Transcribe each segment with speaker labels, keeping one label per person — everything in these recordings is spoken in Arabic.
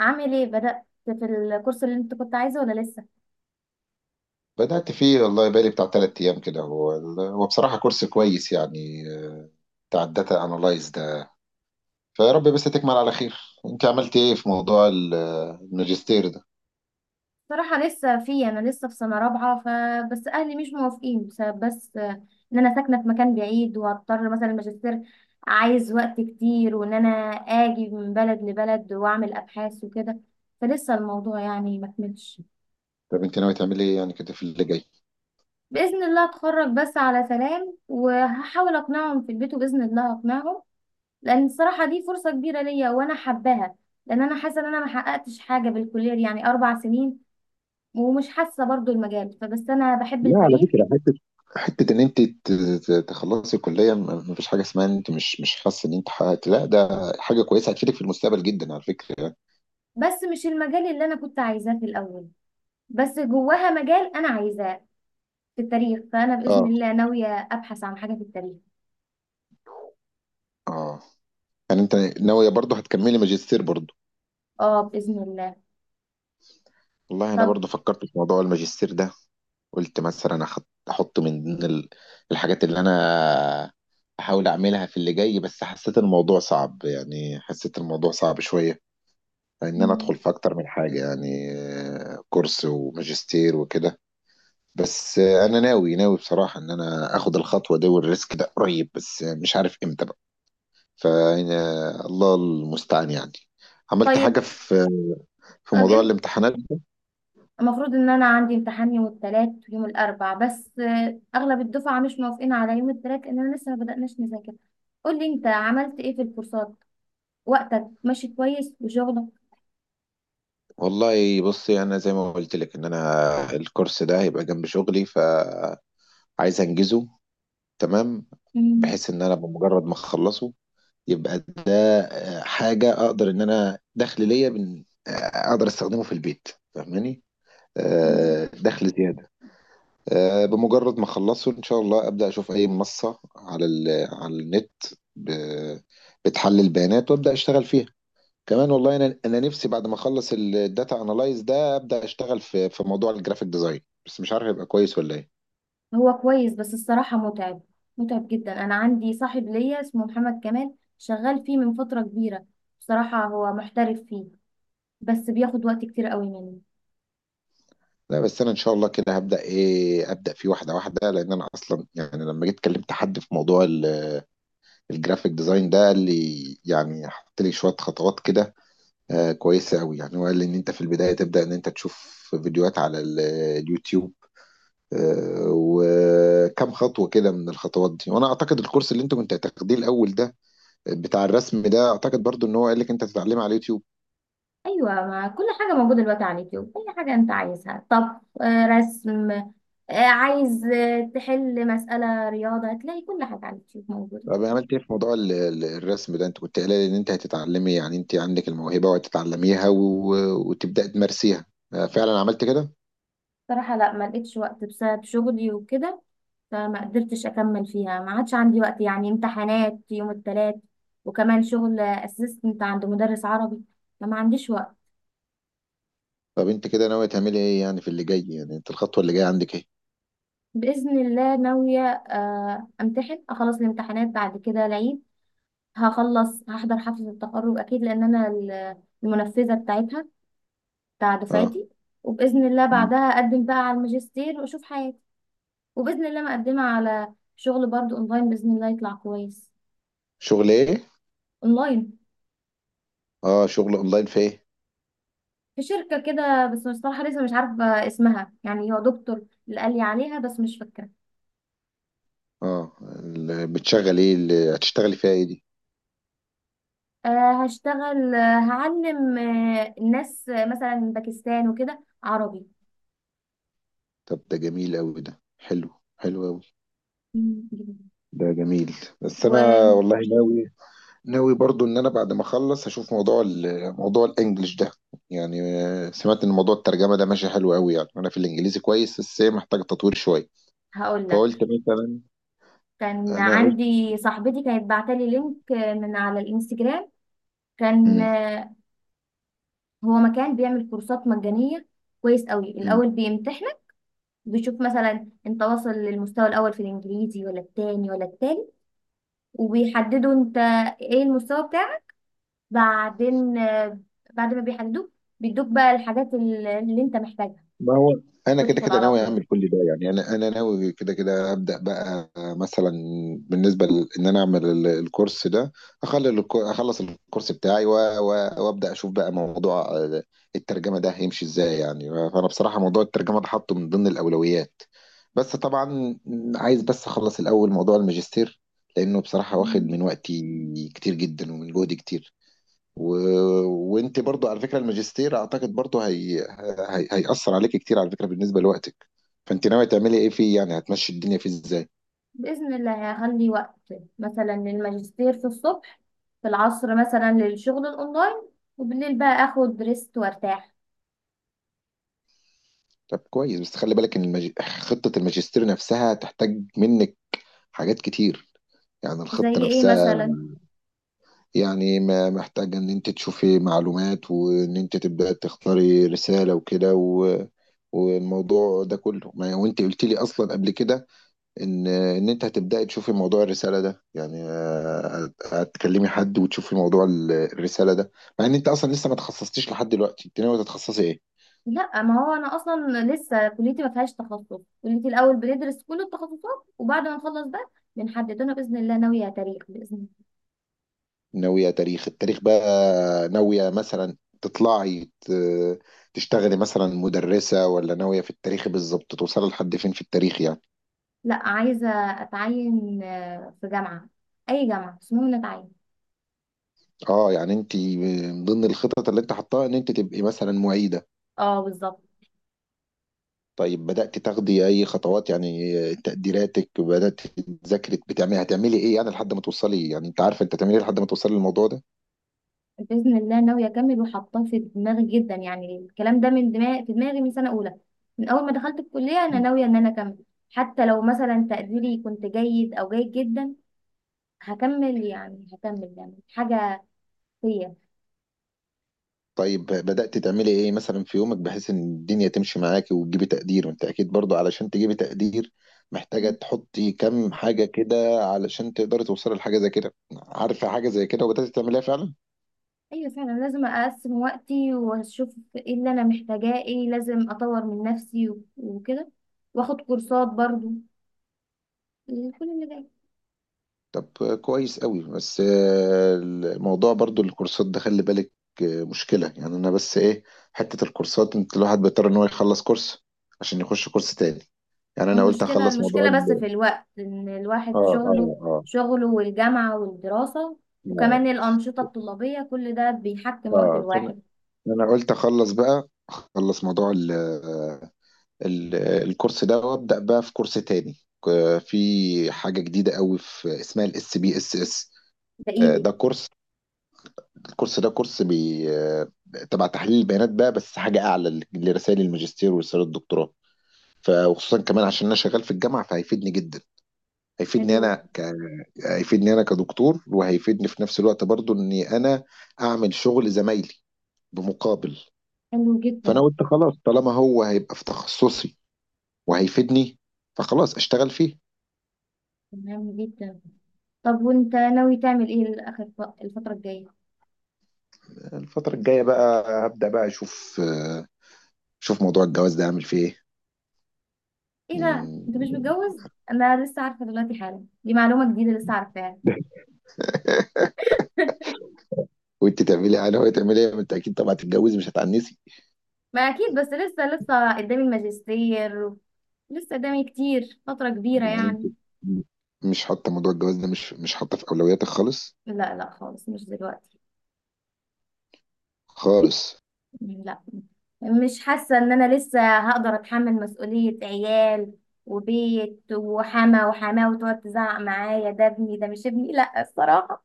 Speaker 1: عامل ايه بدأت في الكورس اللي انت كنت عايزه ولا لسه؟
Speaker 2: بدأت فيه والله بقالي بتاع تلات أيام كده هو بصراحة كورس كويس يعني، بتاع الداتا أنالايز ده. فيا رب بس تكمل على خير. أنت عملت إيه في موضوع الماجستير ده؟
Speaker 1: صراحة لسه فيه انا لسه في سنة رابعة، فبس اهلي مش موافقين بسبب بس آه، ان انا ساكنة في مكان بعيد، وهضطر مثلا الماجستير عايز وقت كتير وان انا اجي من بلد لبلد واعمل ابحاث وكده، فلسه الموضوع يعني ما كملش.
Speaker 2: طب أنت ناوي تعملي إيه يعني كده في اللي جاي؟
Speaker 1: بإذن الله اتخرج بس على سلام، وهحاول اقنعهم في البيت وبإذن الله اقنعهم، لان الصراحة دي فرصة كبيرة ليا وانا حباها، لان انا حاسة ان انا ما حققتش حاجة بالكلية دي، يعني 4 سنين ومش حاسة برضو المجال، فبس أنا بحب
Speaker 2: لا على
Speaker 1: التاريخ.
Speaker 2: فكرة، حتة حتة إن أنت ت- ت- تخلصي الكلية، مفيش حاجة اسمها إن أنت مش حاسة إن أنت حققت، لا ده حاجة كويسة هتفيدك في المستقبل جدا على فكرة يعني.
Speaker 1: بس مش المجال اللي أنا كنت عايزاه في الأول، بس جواها مجال أنا عايزاه في التاريخ، فأنا بإذن
Speaker 2: اه.
Speaker 1: الله ناوية أبحث عن حاجة في التاريخ.
Speaker 2: آه. يعني أنت ناوية برضه هتكملي ماجستير برضه؟
Speaker 1: اه بإذن الله.
Speaker 2: والله أنا
Speaker 1: طب.
Speaker 2: برضه فكرت في موضوع الماجستير ده. قلت مثلا احط من ضمن الحاجات اللي انا احاول اعملها في اللي جاي، بس حسيت الموضوع صعب، يعني حسيت الموضوع صعب شوية، ان انا ادخل
Speaker 1: مم،
Speaker 2: في اكتر من حاجة يعني، كورس وماجستير وكده. بس انا ناوي بصراحة ان انا اخد الخطوة دي والريسك ده قريب، بس مش عارف امتى بقى. ف الله المستعان يعني. عملت
Speaker 1: طيب.
Speaker 2: حاجة في في
Speaker 1: طب
Speaker 2: موضوع الامتحانات؟
Speaker 1: المفروض إن أنا عندي امتحان يوم الثلاث ويوم الأربع، بس أغلب الدفعة مش موافقين على يوم الثلاث لأننا لسه ما بدأناش نذاكر. قولي أنت عملت إيه في الكورسات؟ وقتك ماشي كويس وشغلك؟
Speaker 2: والله بصي، انا زي ما قلت لك ان انا الكورس ده هيبقى جنب شغلي، ف عايز انجزه. تمام.
Speaker 1: مم.
Speaker 2: بحيث ان انا بمجرد ما اخلصه يبقى ده حاجه اقدر ان انا دخل ليا بن- آه، اقدر استخدمه في البيت. فاهماني؟
Speaker 1: مم.
Speaker 2: دخل زياده. بمجرد ما اخلصه ان شاء الله ابدا اشوف اي منصه على على النت ب- بتحلل بيانات وابدا اشتغل فيها كمان. والله انا نفسي بعد ما اخلص الداتا انالايز ده ابدا اشتغل في في موضوع الجرافيك ديزاين، بس مش عارف هيبقى كويس ولا ايه.
Speaker 1: هو كويس بس الصراحة متعب، متعب جدا. أنا عندي صاحب ليا اسمه محمد كمال شغال فيه من فترة كبيرة، بصراحة هو محترف فيه، بس بياخد وقت كتير قوي مني.
Speaker 2: لا بس انا ان شاء الله كده هبدا ايه، ابدا فيه واحده واحده، لان انا اصلا يعني لما جيت كلمت حد في موضوع الجرافيك ديزاين ده قال لي يعني حط لي شويه خطوات كده آه كويسه قوي، يعني هو قال لي ان انت في البدايه تبدا ان انت تشوف فيديوهات على اليوتيوب، آه، وكم خطوه كده من الخطوات دي. وانا اعتقد الكورس اللي انت كنت هتاخديه الاول ده، بتاع الرسم ده، اعتقد برضو ان هو قال لك انت تتعلمه على اليوتيوب.
Speaker 1: أيوة، ما كل حاجة موجودة دلوقتي على اليوتيوب، أي حاجة أنت عايزها: طبخ، رسم، عايز تحل مسألة رياضة، هتلاقي كل حاجة على اليوتيوب موجودة.
Speaker 2: طب عملت ايه في موضوع الرسم ده؟ انت كنت قايله لي ان انت هتتعلمي، يعني انت عندك الموهبه وهتتعلميها وتبداي تمارسيها. فعلا عملت كده؟
Speaker 1: بصراحة لا، ما لقيتش وقت بسبب شغلي وكده، فما قدرتش اكمل فيها، ما عادش عندي وقت يعني. امتحانات يوم الثلاث وكمان شغل اسيستنت عند مدرس عربي، فما عنديش وقت.
Speaker 2: طب انت كده ناويه تعملي ايه يعني في اللي جاي؟ يعني انت الخطوه اللي جايه عندك ايه؟
Speaker 1: باذن الله ناويه امتحن، اخلص الامتحانات، بعد كده العيد. هخلص، هحضر حفله التخرج اكيد، لان انا المنفذه بتاعتها، بتاع
Speaker 2: اه.
Speaker 1: دفعتي. وباذن الله
Speaker 2: مم.
Speaker 1: بعدها اقدم بقى على الماجستير واشوف حياتي. وباذن الله مقدمه على شغل برضو اونلاين، باذن الله يطلع كويس.
Speaker 2: شغل ايه؟
Speaker 1: اونلاين.
Speaker 2: اه، شغل اونلاين في ايه؟
Speaker 1: في شركة كده، بس مش، صراحة لسه مش عارفة اسمها، يعني هو دكتور اللي قال لي عليها بس مش فاكرة.
Speaker 2: اه، بتشغل ايه؟ اللي هتشتغلي فيها ايه دي؟
Speaker 1: أه، هشتغل آه، هعلم الناس مثلا من باكستان وكده عربي.
Speaker 2: طب ده جميل قوي، ده حلو، حلو قوي.
Speaker 1: مم، جميل.
Speaker 2: ده جميل. بس انا
Speaker 1: وهقول
Speaker 2: والله ناوي برضو ان انا بعد ما اخلص هشوف موضوع موضوع الانجليش ده، يعني سمعت ان موضوع الترجمه ده ماشي حلو قوي، يعني انا في الانجليزي كويس بس هي محتاج تطوير شويه.
Speaker 1: لك
Speaker 2: فقلت مثلا،
Speaker 1: كان
Speaker 2: انا قلت.
Speaker 1: عندي صاحبتي كانت بعتلي لينك من على الانستجرام. كان
Speaker 2: مم.
Speaker 1: آه، هو مكان بيعمل كورسات مجانية، كويس قوي. الاول بيمتحنك، بيشوف مثلا انت واصل للمستوى الاول في الانجليزي ولا التاني ولا التالت، وبيحددوا انت ايه المستوى بتاعك. بعدين بعد ما بيحدوك، بيدوك بقى الحاجات اللي انت محتاجها،
Speaker 2: ما هو انا كده
Speaker 1: تدخل
Speaker 2: كده
Speaker 1: على
Speaker 2: ناوي
Speaker 1: طول.
Speaker 2: اعمل كل ده، يعني انا ناوي كده كده ابدا بقى مثلا بالنسبه ل- ان انا اعمل الكورس ده، اخلص الكورس بتاعي وابدا اشوف بقى موضوع الترجمه ده هيمشي ازاي يعني. فانا بصراحه موضوع الترجمه ده حاطه من ضمن الاولويات، بس طبعا عايز بس اخلص الاول موضوع الماجستير، لانه بصراحه واخد
Speaker 1: مم.
Speaker 2: من وقتي كتير جدا ومن جهدي كتير و... وانت برضو على فكره الماجستير اعتقد برضو هيأثر عليك كتير على فكره بالنسبه لوقتك. فانت ناويه تعملي ايه فيه؟ يعني هتمشي الدنيا فيه ازاي؟
Speaker 1: بإذن الله هخلي وقت مثلا للماجستير في الصبح، في العصر مثلا للشغل الأونلاين، وبالليل بقى آخد ريست وارتاح.
Speaker 2: طب كويس بس خلي بالك ان خطه الماجستير نفسها تحتاج منك حاجات كتير، يعني
Speaker 1: زي
Speaker 2: الخطه
Speaker 1: إيه
Speaker 2: نفسها،
Speaker 1: مثلا؟
Speaker 2: يعني ما محتاجه ان انت تشوفي معلومات وان انت تبداي تختاري رساله وكده والموضوع ده كله، ما وانت قلت لي اصلا قبل كده ان انت هتبداي تشوفي موضوع الرساله ده، يعني هتكلمي حد وتشوفي موضوع الرساله ده. مع ان انت اصلا لسه ما تخصصتيش لحد دلوقتي، انت ناويه تتخصصي ايه؟
Speaker 1: لا، ما هو أنا أصلا لسه كليتي ما فيهاش تخصص. كليتي الأول بندرس كل التخصصات، وبعد ما نخلص بقى بنحدد. أنا بإذن الله ناوية تاريخ، بإذن الله.
Speaker 2: ناويه تاريخ؟ التاريخ بقى ناويه مثلا تشتغلي مثلا مدرسه، ولا ناويه في التاريخ بالظبط توصلي لحد فين في التاريخ يعني؟
Speaker 1: لا، عايزة أتعين في جامعة، أي جامعة، بس المهم إني أتعين.
Speaker 2: اه، يعني انت من ضمن الخطط اللي انت حطاها ان انت تبقي مثلا معيده؟
Speaker 1: اه، بالظبط.
Speaker 2: طيب بدأت تاخدي أي خطوات؟ يعني تقديراتك بدأت، تذاكري، بتعملي هتعملي إيه يعني لحد ما توصلي؟ يعني أنت عارفة أنت هتعملي إيه لحد ما توصلي للموضوع ده؟
Speaker 1: باذن الله ناويه اكمل، وحاطاه في دماغي جدا. يعني الكلام ده من دماغي، في دماغي من سنه اولى. من اول ما دخلت الكليه انا ناويه ان انا اكمل، حتى لو مثلا تقديري كنت جيد او جيد جدا هكمل، يعني هكمل، يعني حاجه فيا.
Speaker 2: طيب بدأت تعملي إيه مثلا في يومك بحيث إن الدنيا تمشي معاكي وتجيبي تقدير؟ وأنت أكيد برضو علشان تجيبي تقدير محتاجة تحطي كم حاجة كده علشان تقدري توصلي لحاجة زي كده، عارفة حاجة زي كده؟ وبدأت تعمليها فعلا؟
Speaker 1: ايوه فعلا، لازم اقسم وقتي واشوف ايه اللي انا محتاجاه، ايه لازم اطور من نفسي وكده، واخد كورسات برضو. كل اللي...
Speaker 2: طب كويس قوي بس الموضوع برضو الكورسات ده خلي بالك، مشكلة يعني. انا بس ايه، حتة الكورسات انت الواحد بيضطر ان هو يخلص كورس عشان يخش كورس تاني. يعني انا قلت
Speaker 1: المشكلة
Speaker 2: اخلص موضوع
Speaker 1: المشكلة بس
Speaker 2: ال
Speaker 1: في الوقت، إن
Speaker 2: اه
Speaker 1: الواحد
Speaker 2: اه
Speaker 1: شغله
Speaker 2: اه.
Speaker 1: شغله والجامعة والدراسة،
Speaker 2: اه.
Speaker 1: وكمان الأنشطة الطلابية، كل ده بيحكم وقت
Speaker 2: آه. فأنا-
Speaker 1: الواحد.
Speaker 2: انا قلت اخلص بقى، اخلص موضوع ال ال الكورس ده وابدا بقى في كورس تاني، في حاجة جديدة قوي في اسمها SPSS.
Speaker 1: ده إيدي.
Speaker 2: ده كورس، الكورس ده كورس بي... تبع تحليل البيانات بقى، بس حاجة أعلى لرسائل الماجستير ورسائل الدكتوراه، وخصوصا كمان عشان أنا شغال في الجامعة فهيفيدني جدا. هيفيدني أنا
Speaker 1: حلو.
Speaker 2: ك... هيفيدني أنا كدكتور، وهيفيدني في نفس الوقت برضو إني أنا أعمل شغل زمايلي بمقابل.
Speaker 1: حلو
Speaker 2: فأنا
Speaker 1: جدا.
Speaker 2: قلت خلاص طالما هو هيبقى في تخصصي وهيفيدني، فخلاص أشتغل فيه.
Speaker 1: تمام جدا. طب وأنت ناوي تعمل إيه الآخر الفترة الجاية؟
Speaker 2: الفترة الجاية بقى هبدأ بقى أشوف موضوع الجواز ده، أعمل فيه
Speaker 1: إيه ده؟
Speaker 2: إيه.
Speaker 1: أنت مش متجوز؟ أنا لسه عارفة دلوقتي حالا، دي معلومة جديدة لسه عارفاها.
Speaker 2: وانت تعملي يعني، هو تعملي ايه، ما انت اكيد طبعا هتتجوزي مش هتعنسي.
Speaker 1: ما أكيد، بس لسه قدامي الماجستير، لسه قدامي كتير، فترة كبيرة
Speaker 2: يعني انت
Speaker 1: يعني.
Speaker 2: مش حاطه موضوع الجواز ده، مش حاطه في اولوياتك خالص؟
Speaker 1: لا لا، خالص مش دلوقتي.
Speaker 2: خالص.
Speaker 1: لا. مش حاسة ان انا لسه هقدر اتحمل مسؤولية عيال وبيت وحما وحماه، وتقعد تزعق معايا ده ابني ده مش ابني، لا الصراحة.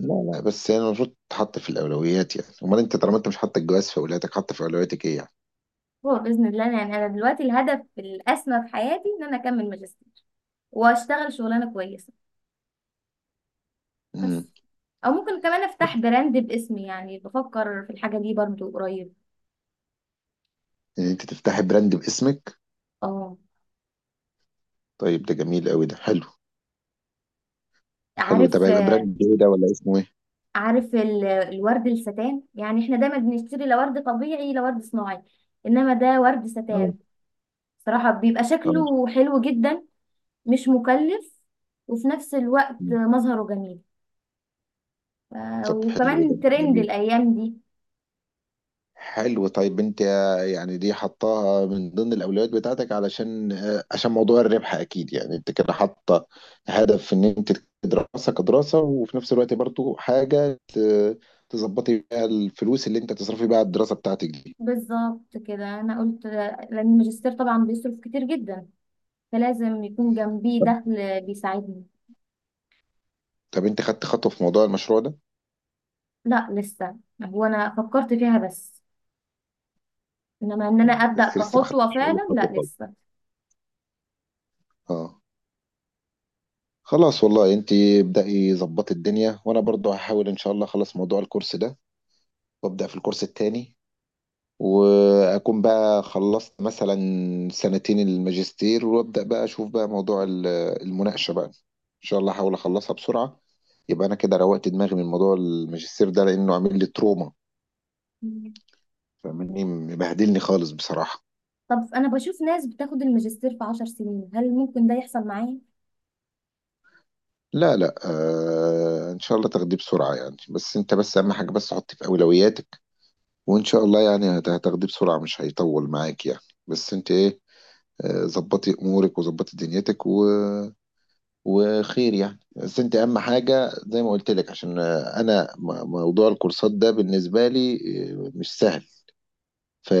Speaker 2: لا لا، بس يعني المفروض تحط في الاولويات، يعني امال انت طالما انت مش حاطه الجواز في اولوياتك، حاطه في اولوياتك ايه يعني؟
Speaker 1: هو بإذن الله، يعني انا دلوقتي الهدف الأسمى في حياتي ان انا اكمل ماجستير واشتغل شغلانة كويسة بس.
Speaker 2: امم.
Speaker 1: او ممكن كمان افتح براند باسمي، يعني بفكر في الحاجة دي برضو قريب.
Speaker 2: ان انت تفتحي براند باسمك؟
Speaker 1: اه.
Speaker 2: طيب ده جميل قوي، ده حلو. حلو ده
Speaker 1: عارف
Speaker 2: بقى، يبقى براند ايه ده ولا اسمه ايه؟
Speaker 1: عارف الورد الستان؟ يعني احنا دايما بنشتري لا ورد طبيعي لا ورد صناعي، انما ده ورد
Speaker 2: اه.
Speaker 1: ستان. صراحة بيبقى
Speaker 2: اه.
Speaker 1: شكله حلو جدا، مش مكلف، وفي نفس الوقت
Speaker 2: مم.
Speaker 1: مظهره جميل،
Speaker 2: طب حلو، ده
Speaker 1: وكمان ترند
Speaker 2: جميل،
Speaker 1: الايام دي.
Speaker 2: حلو. طيب انت يعني دي حطاها من ضمن الاولويات بتاعتك علشان عشان موضوع الربح اكيد، يعني انت كده حاطه هدف ان انت دراسه كدراسه وفي نفس الوقت برضو حاجه تظبطي بيها الفلوس اللي انت تصرفي بيها على الدراسه بتاعتك دي.
Speaker 1: بالظبط كده، انا قلت لان الماجستير طبعا بيصرف كتير جدا، فلازم يكون جنبيه دخل بيساعدني.
Speaker 2: طب انت خدت خطوه في موضوع المشروع ده؟
Speaker 1: لا لسه، هو انا فكرت فيها بس، انما ان انا
Speaker 2: مم.
Speaker 1: ابدا
Speaker 2: بس لسه ما
Speaker 1: كخطوة
Speaker 2: خدتش اي
Speaker 1: فعلا،
Speaker 2: خطوه
Speaker 1: لا
Speaker 2: خالص.
Speaker 1: لسه.
Speaker 2: اه. خلاص والله، انت ابدأي ظبطي الدنيا، وانا برضو هحاول ان شاء الله اخلص موضوع الكورس ده وابدأ في الكورس التاني، واكون بقى خلصت مثلا 2 سنين الماجستير وابدا بقى اشوف بقى موضوع المناقشه بقى، ان شاء الله احاول اخلصها بسرعه، يبقى انا كده روقت دماغي من موضوع الماجستير ده لانه عامل لي تروما، فاهمني، مبهدلني خالص بصراحه.
Speaker 1: طب انا بشوف ناس بتاخد الماجستير في 10 سنين، هل ممكن ده يحصل معايا؟
Speaker 2: لا لا آه، ان شاء الله تاخديه بسرعه يعني، بس انت بس اهم حاجه بس حطيه في اولوياتك، وان شاء الله يعني هتاخديه بسرعه، مش هيطول معاك يعني. بس انت ايه، ظبطي امورك وظبطي دنيتك و وخير يعني. بس انت اهم حاجه زي ما قلت لك عشان انا موضوع الكورسات ده بالنسبه لي اه، مش سهل.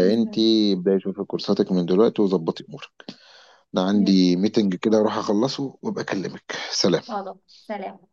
Speaker 1: بإذن الله.
Speaker 2: ابداي شوفي كورساتك من دلوقتي وظبطي امورك. انا
Speaker 1: يلا.
Speaker 2: عندي ميتنج كده اروح اخلصه وابقى اكلمك. سلام.
Speaker 1: واضح. سلام.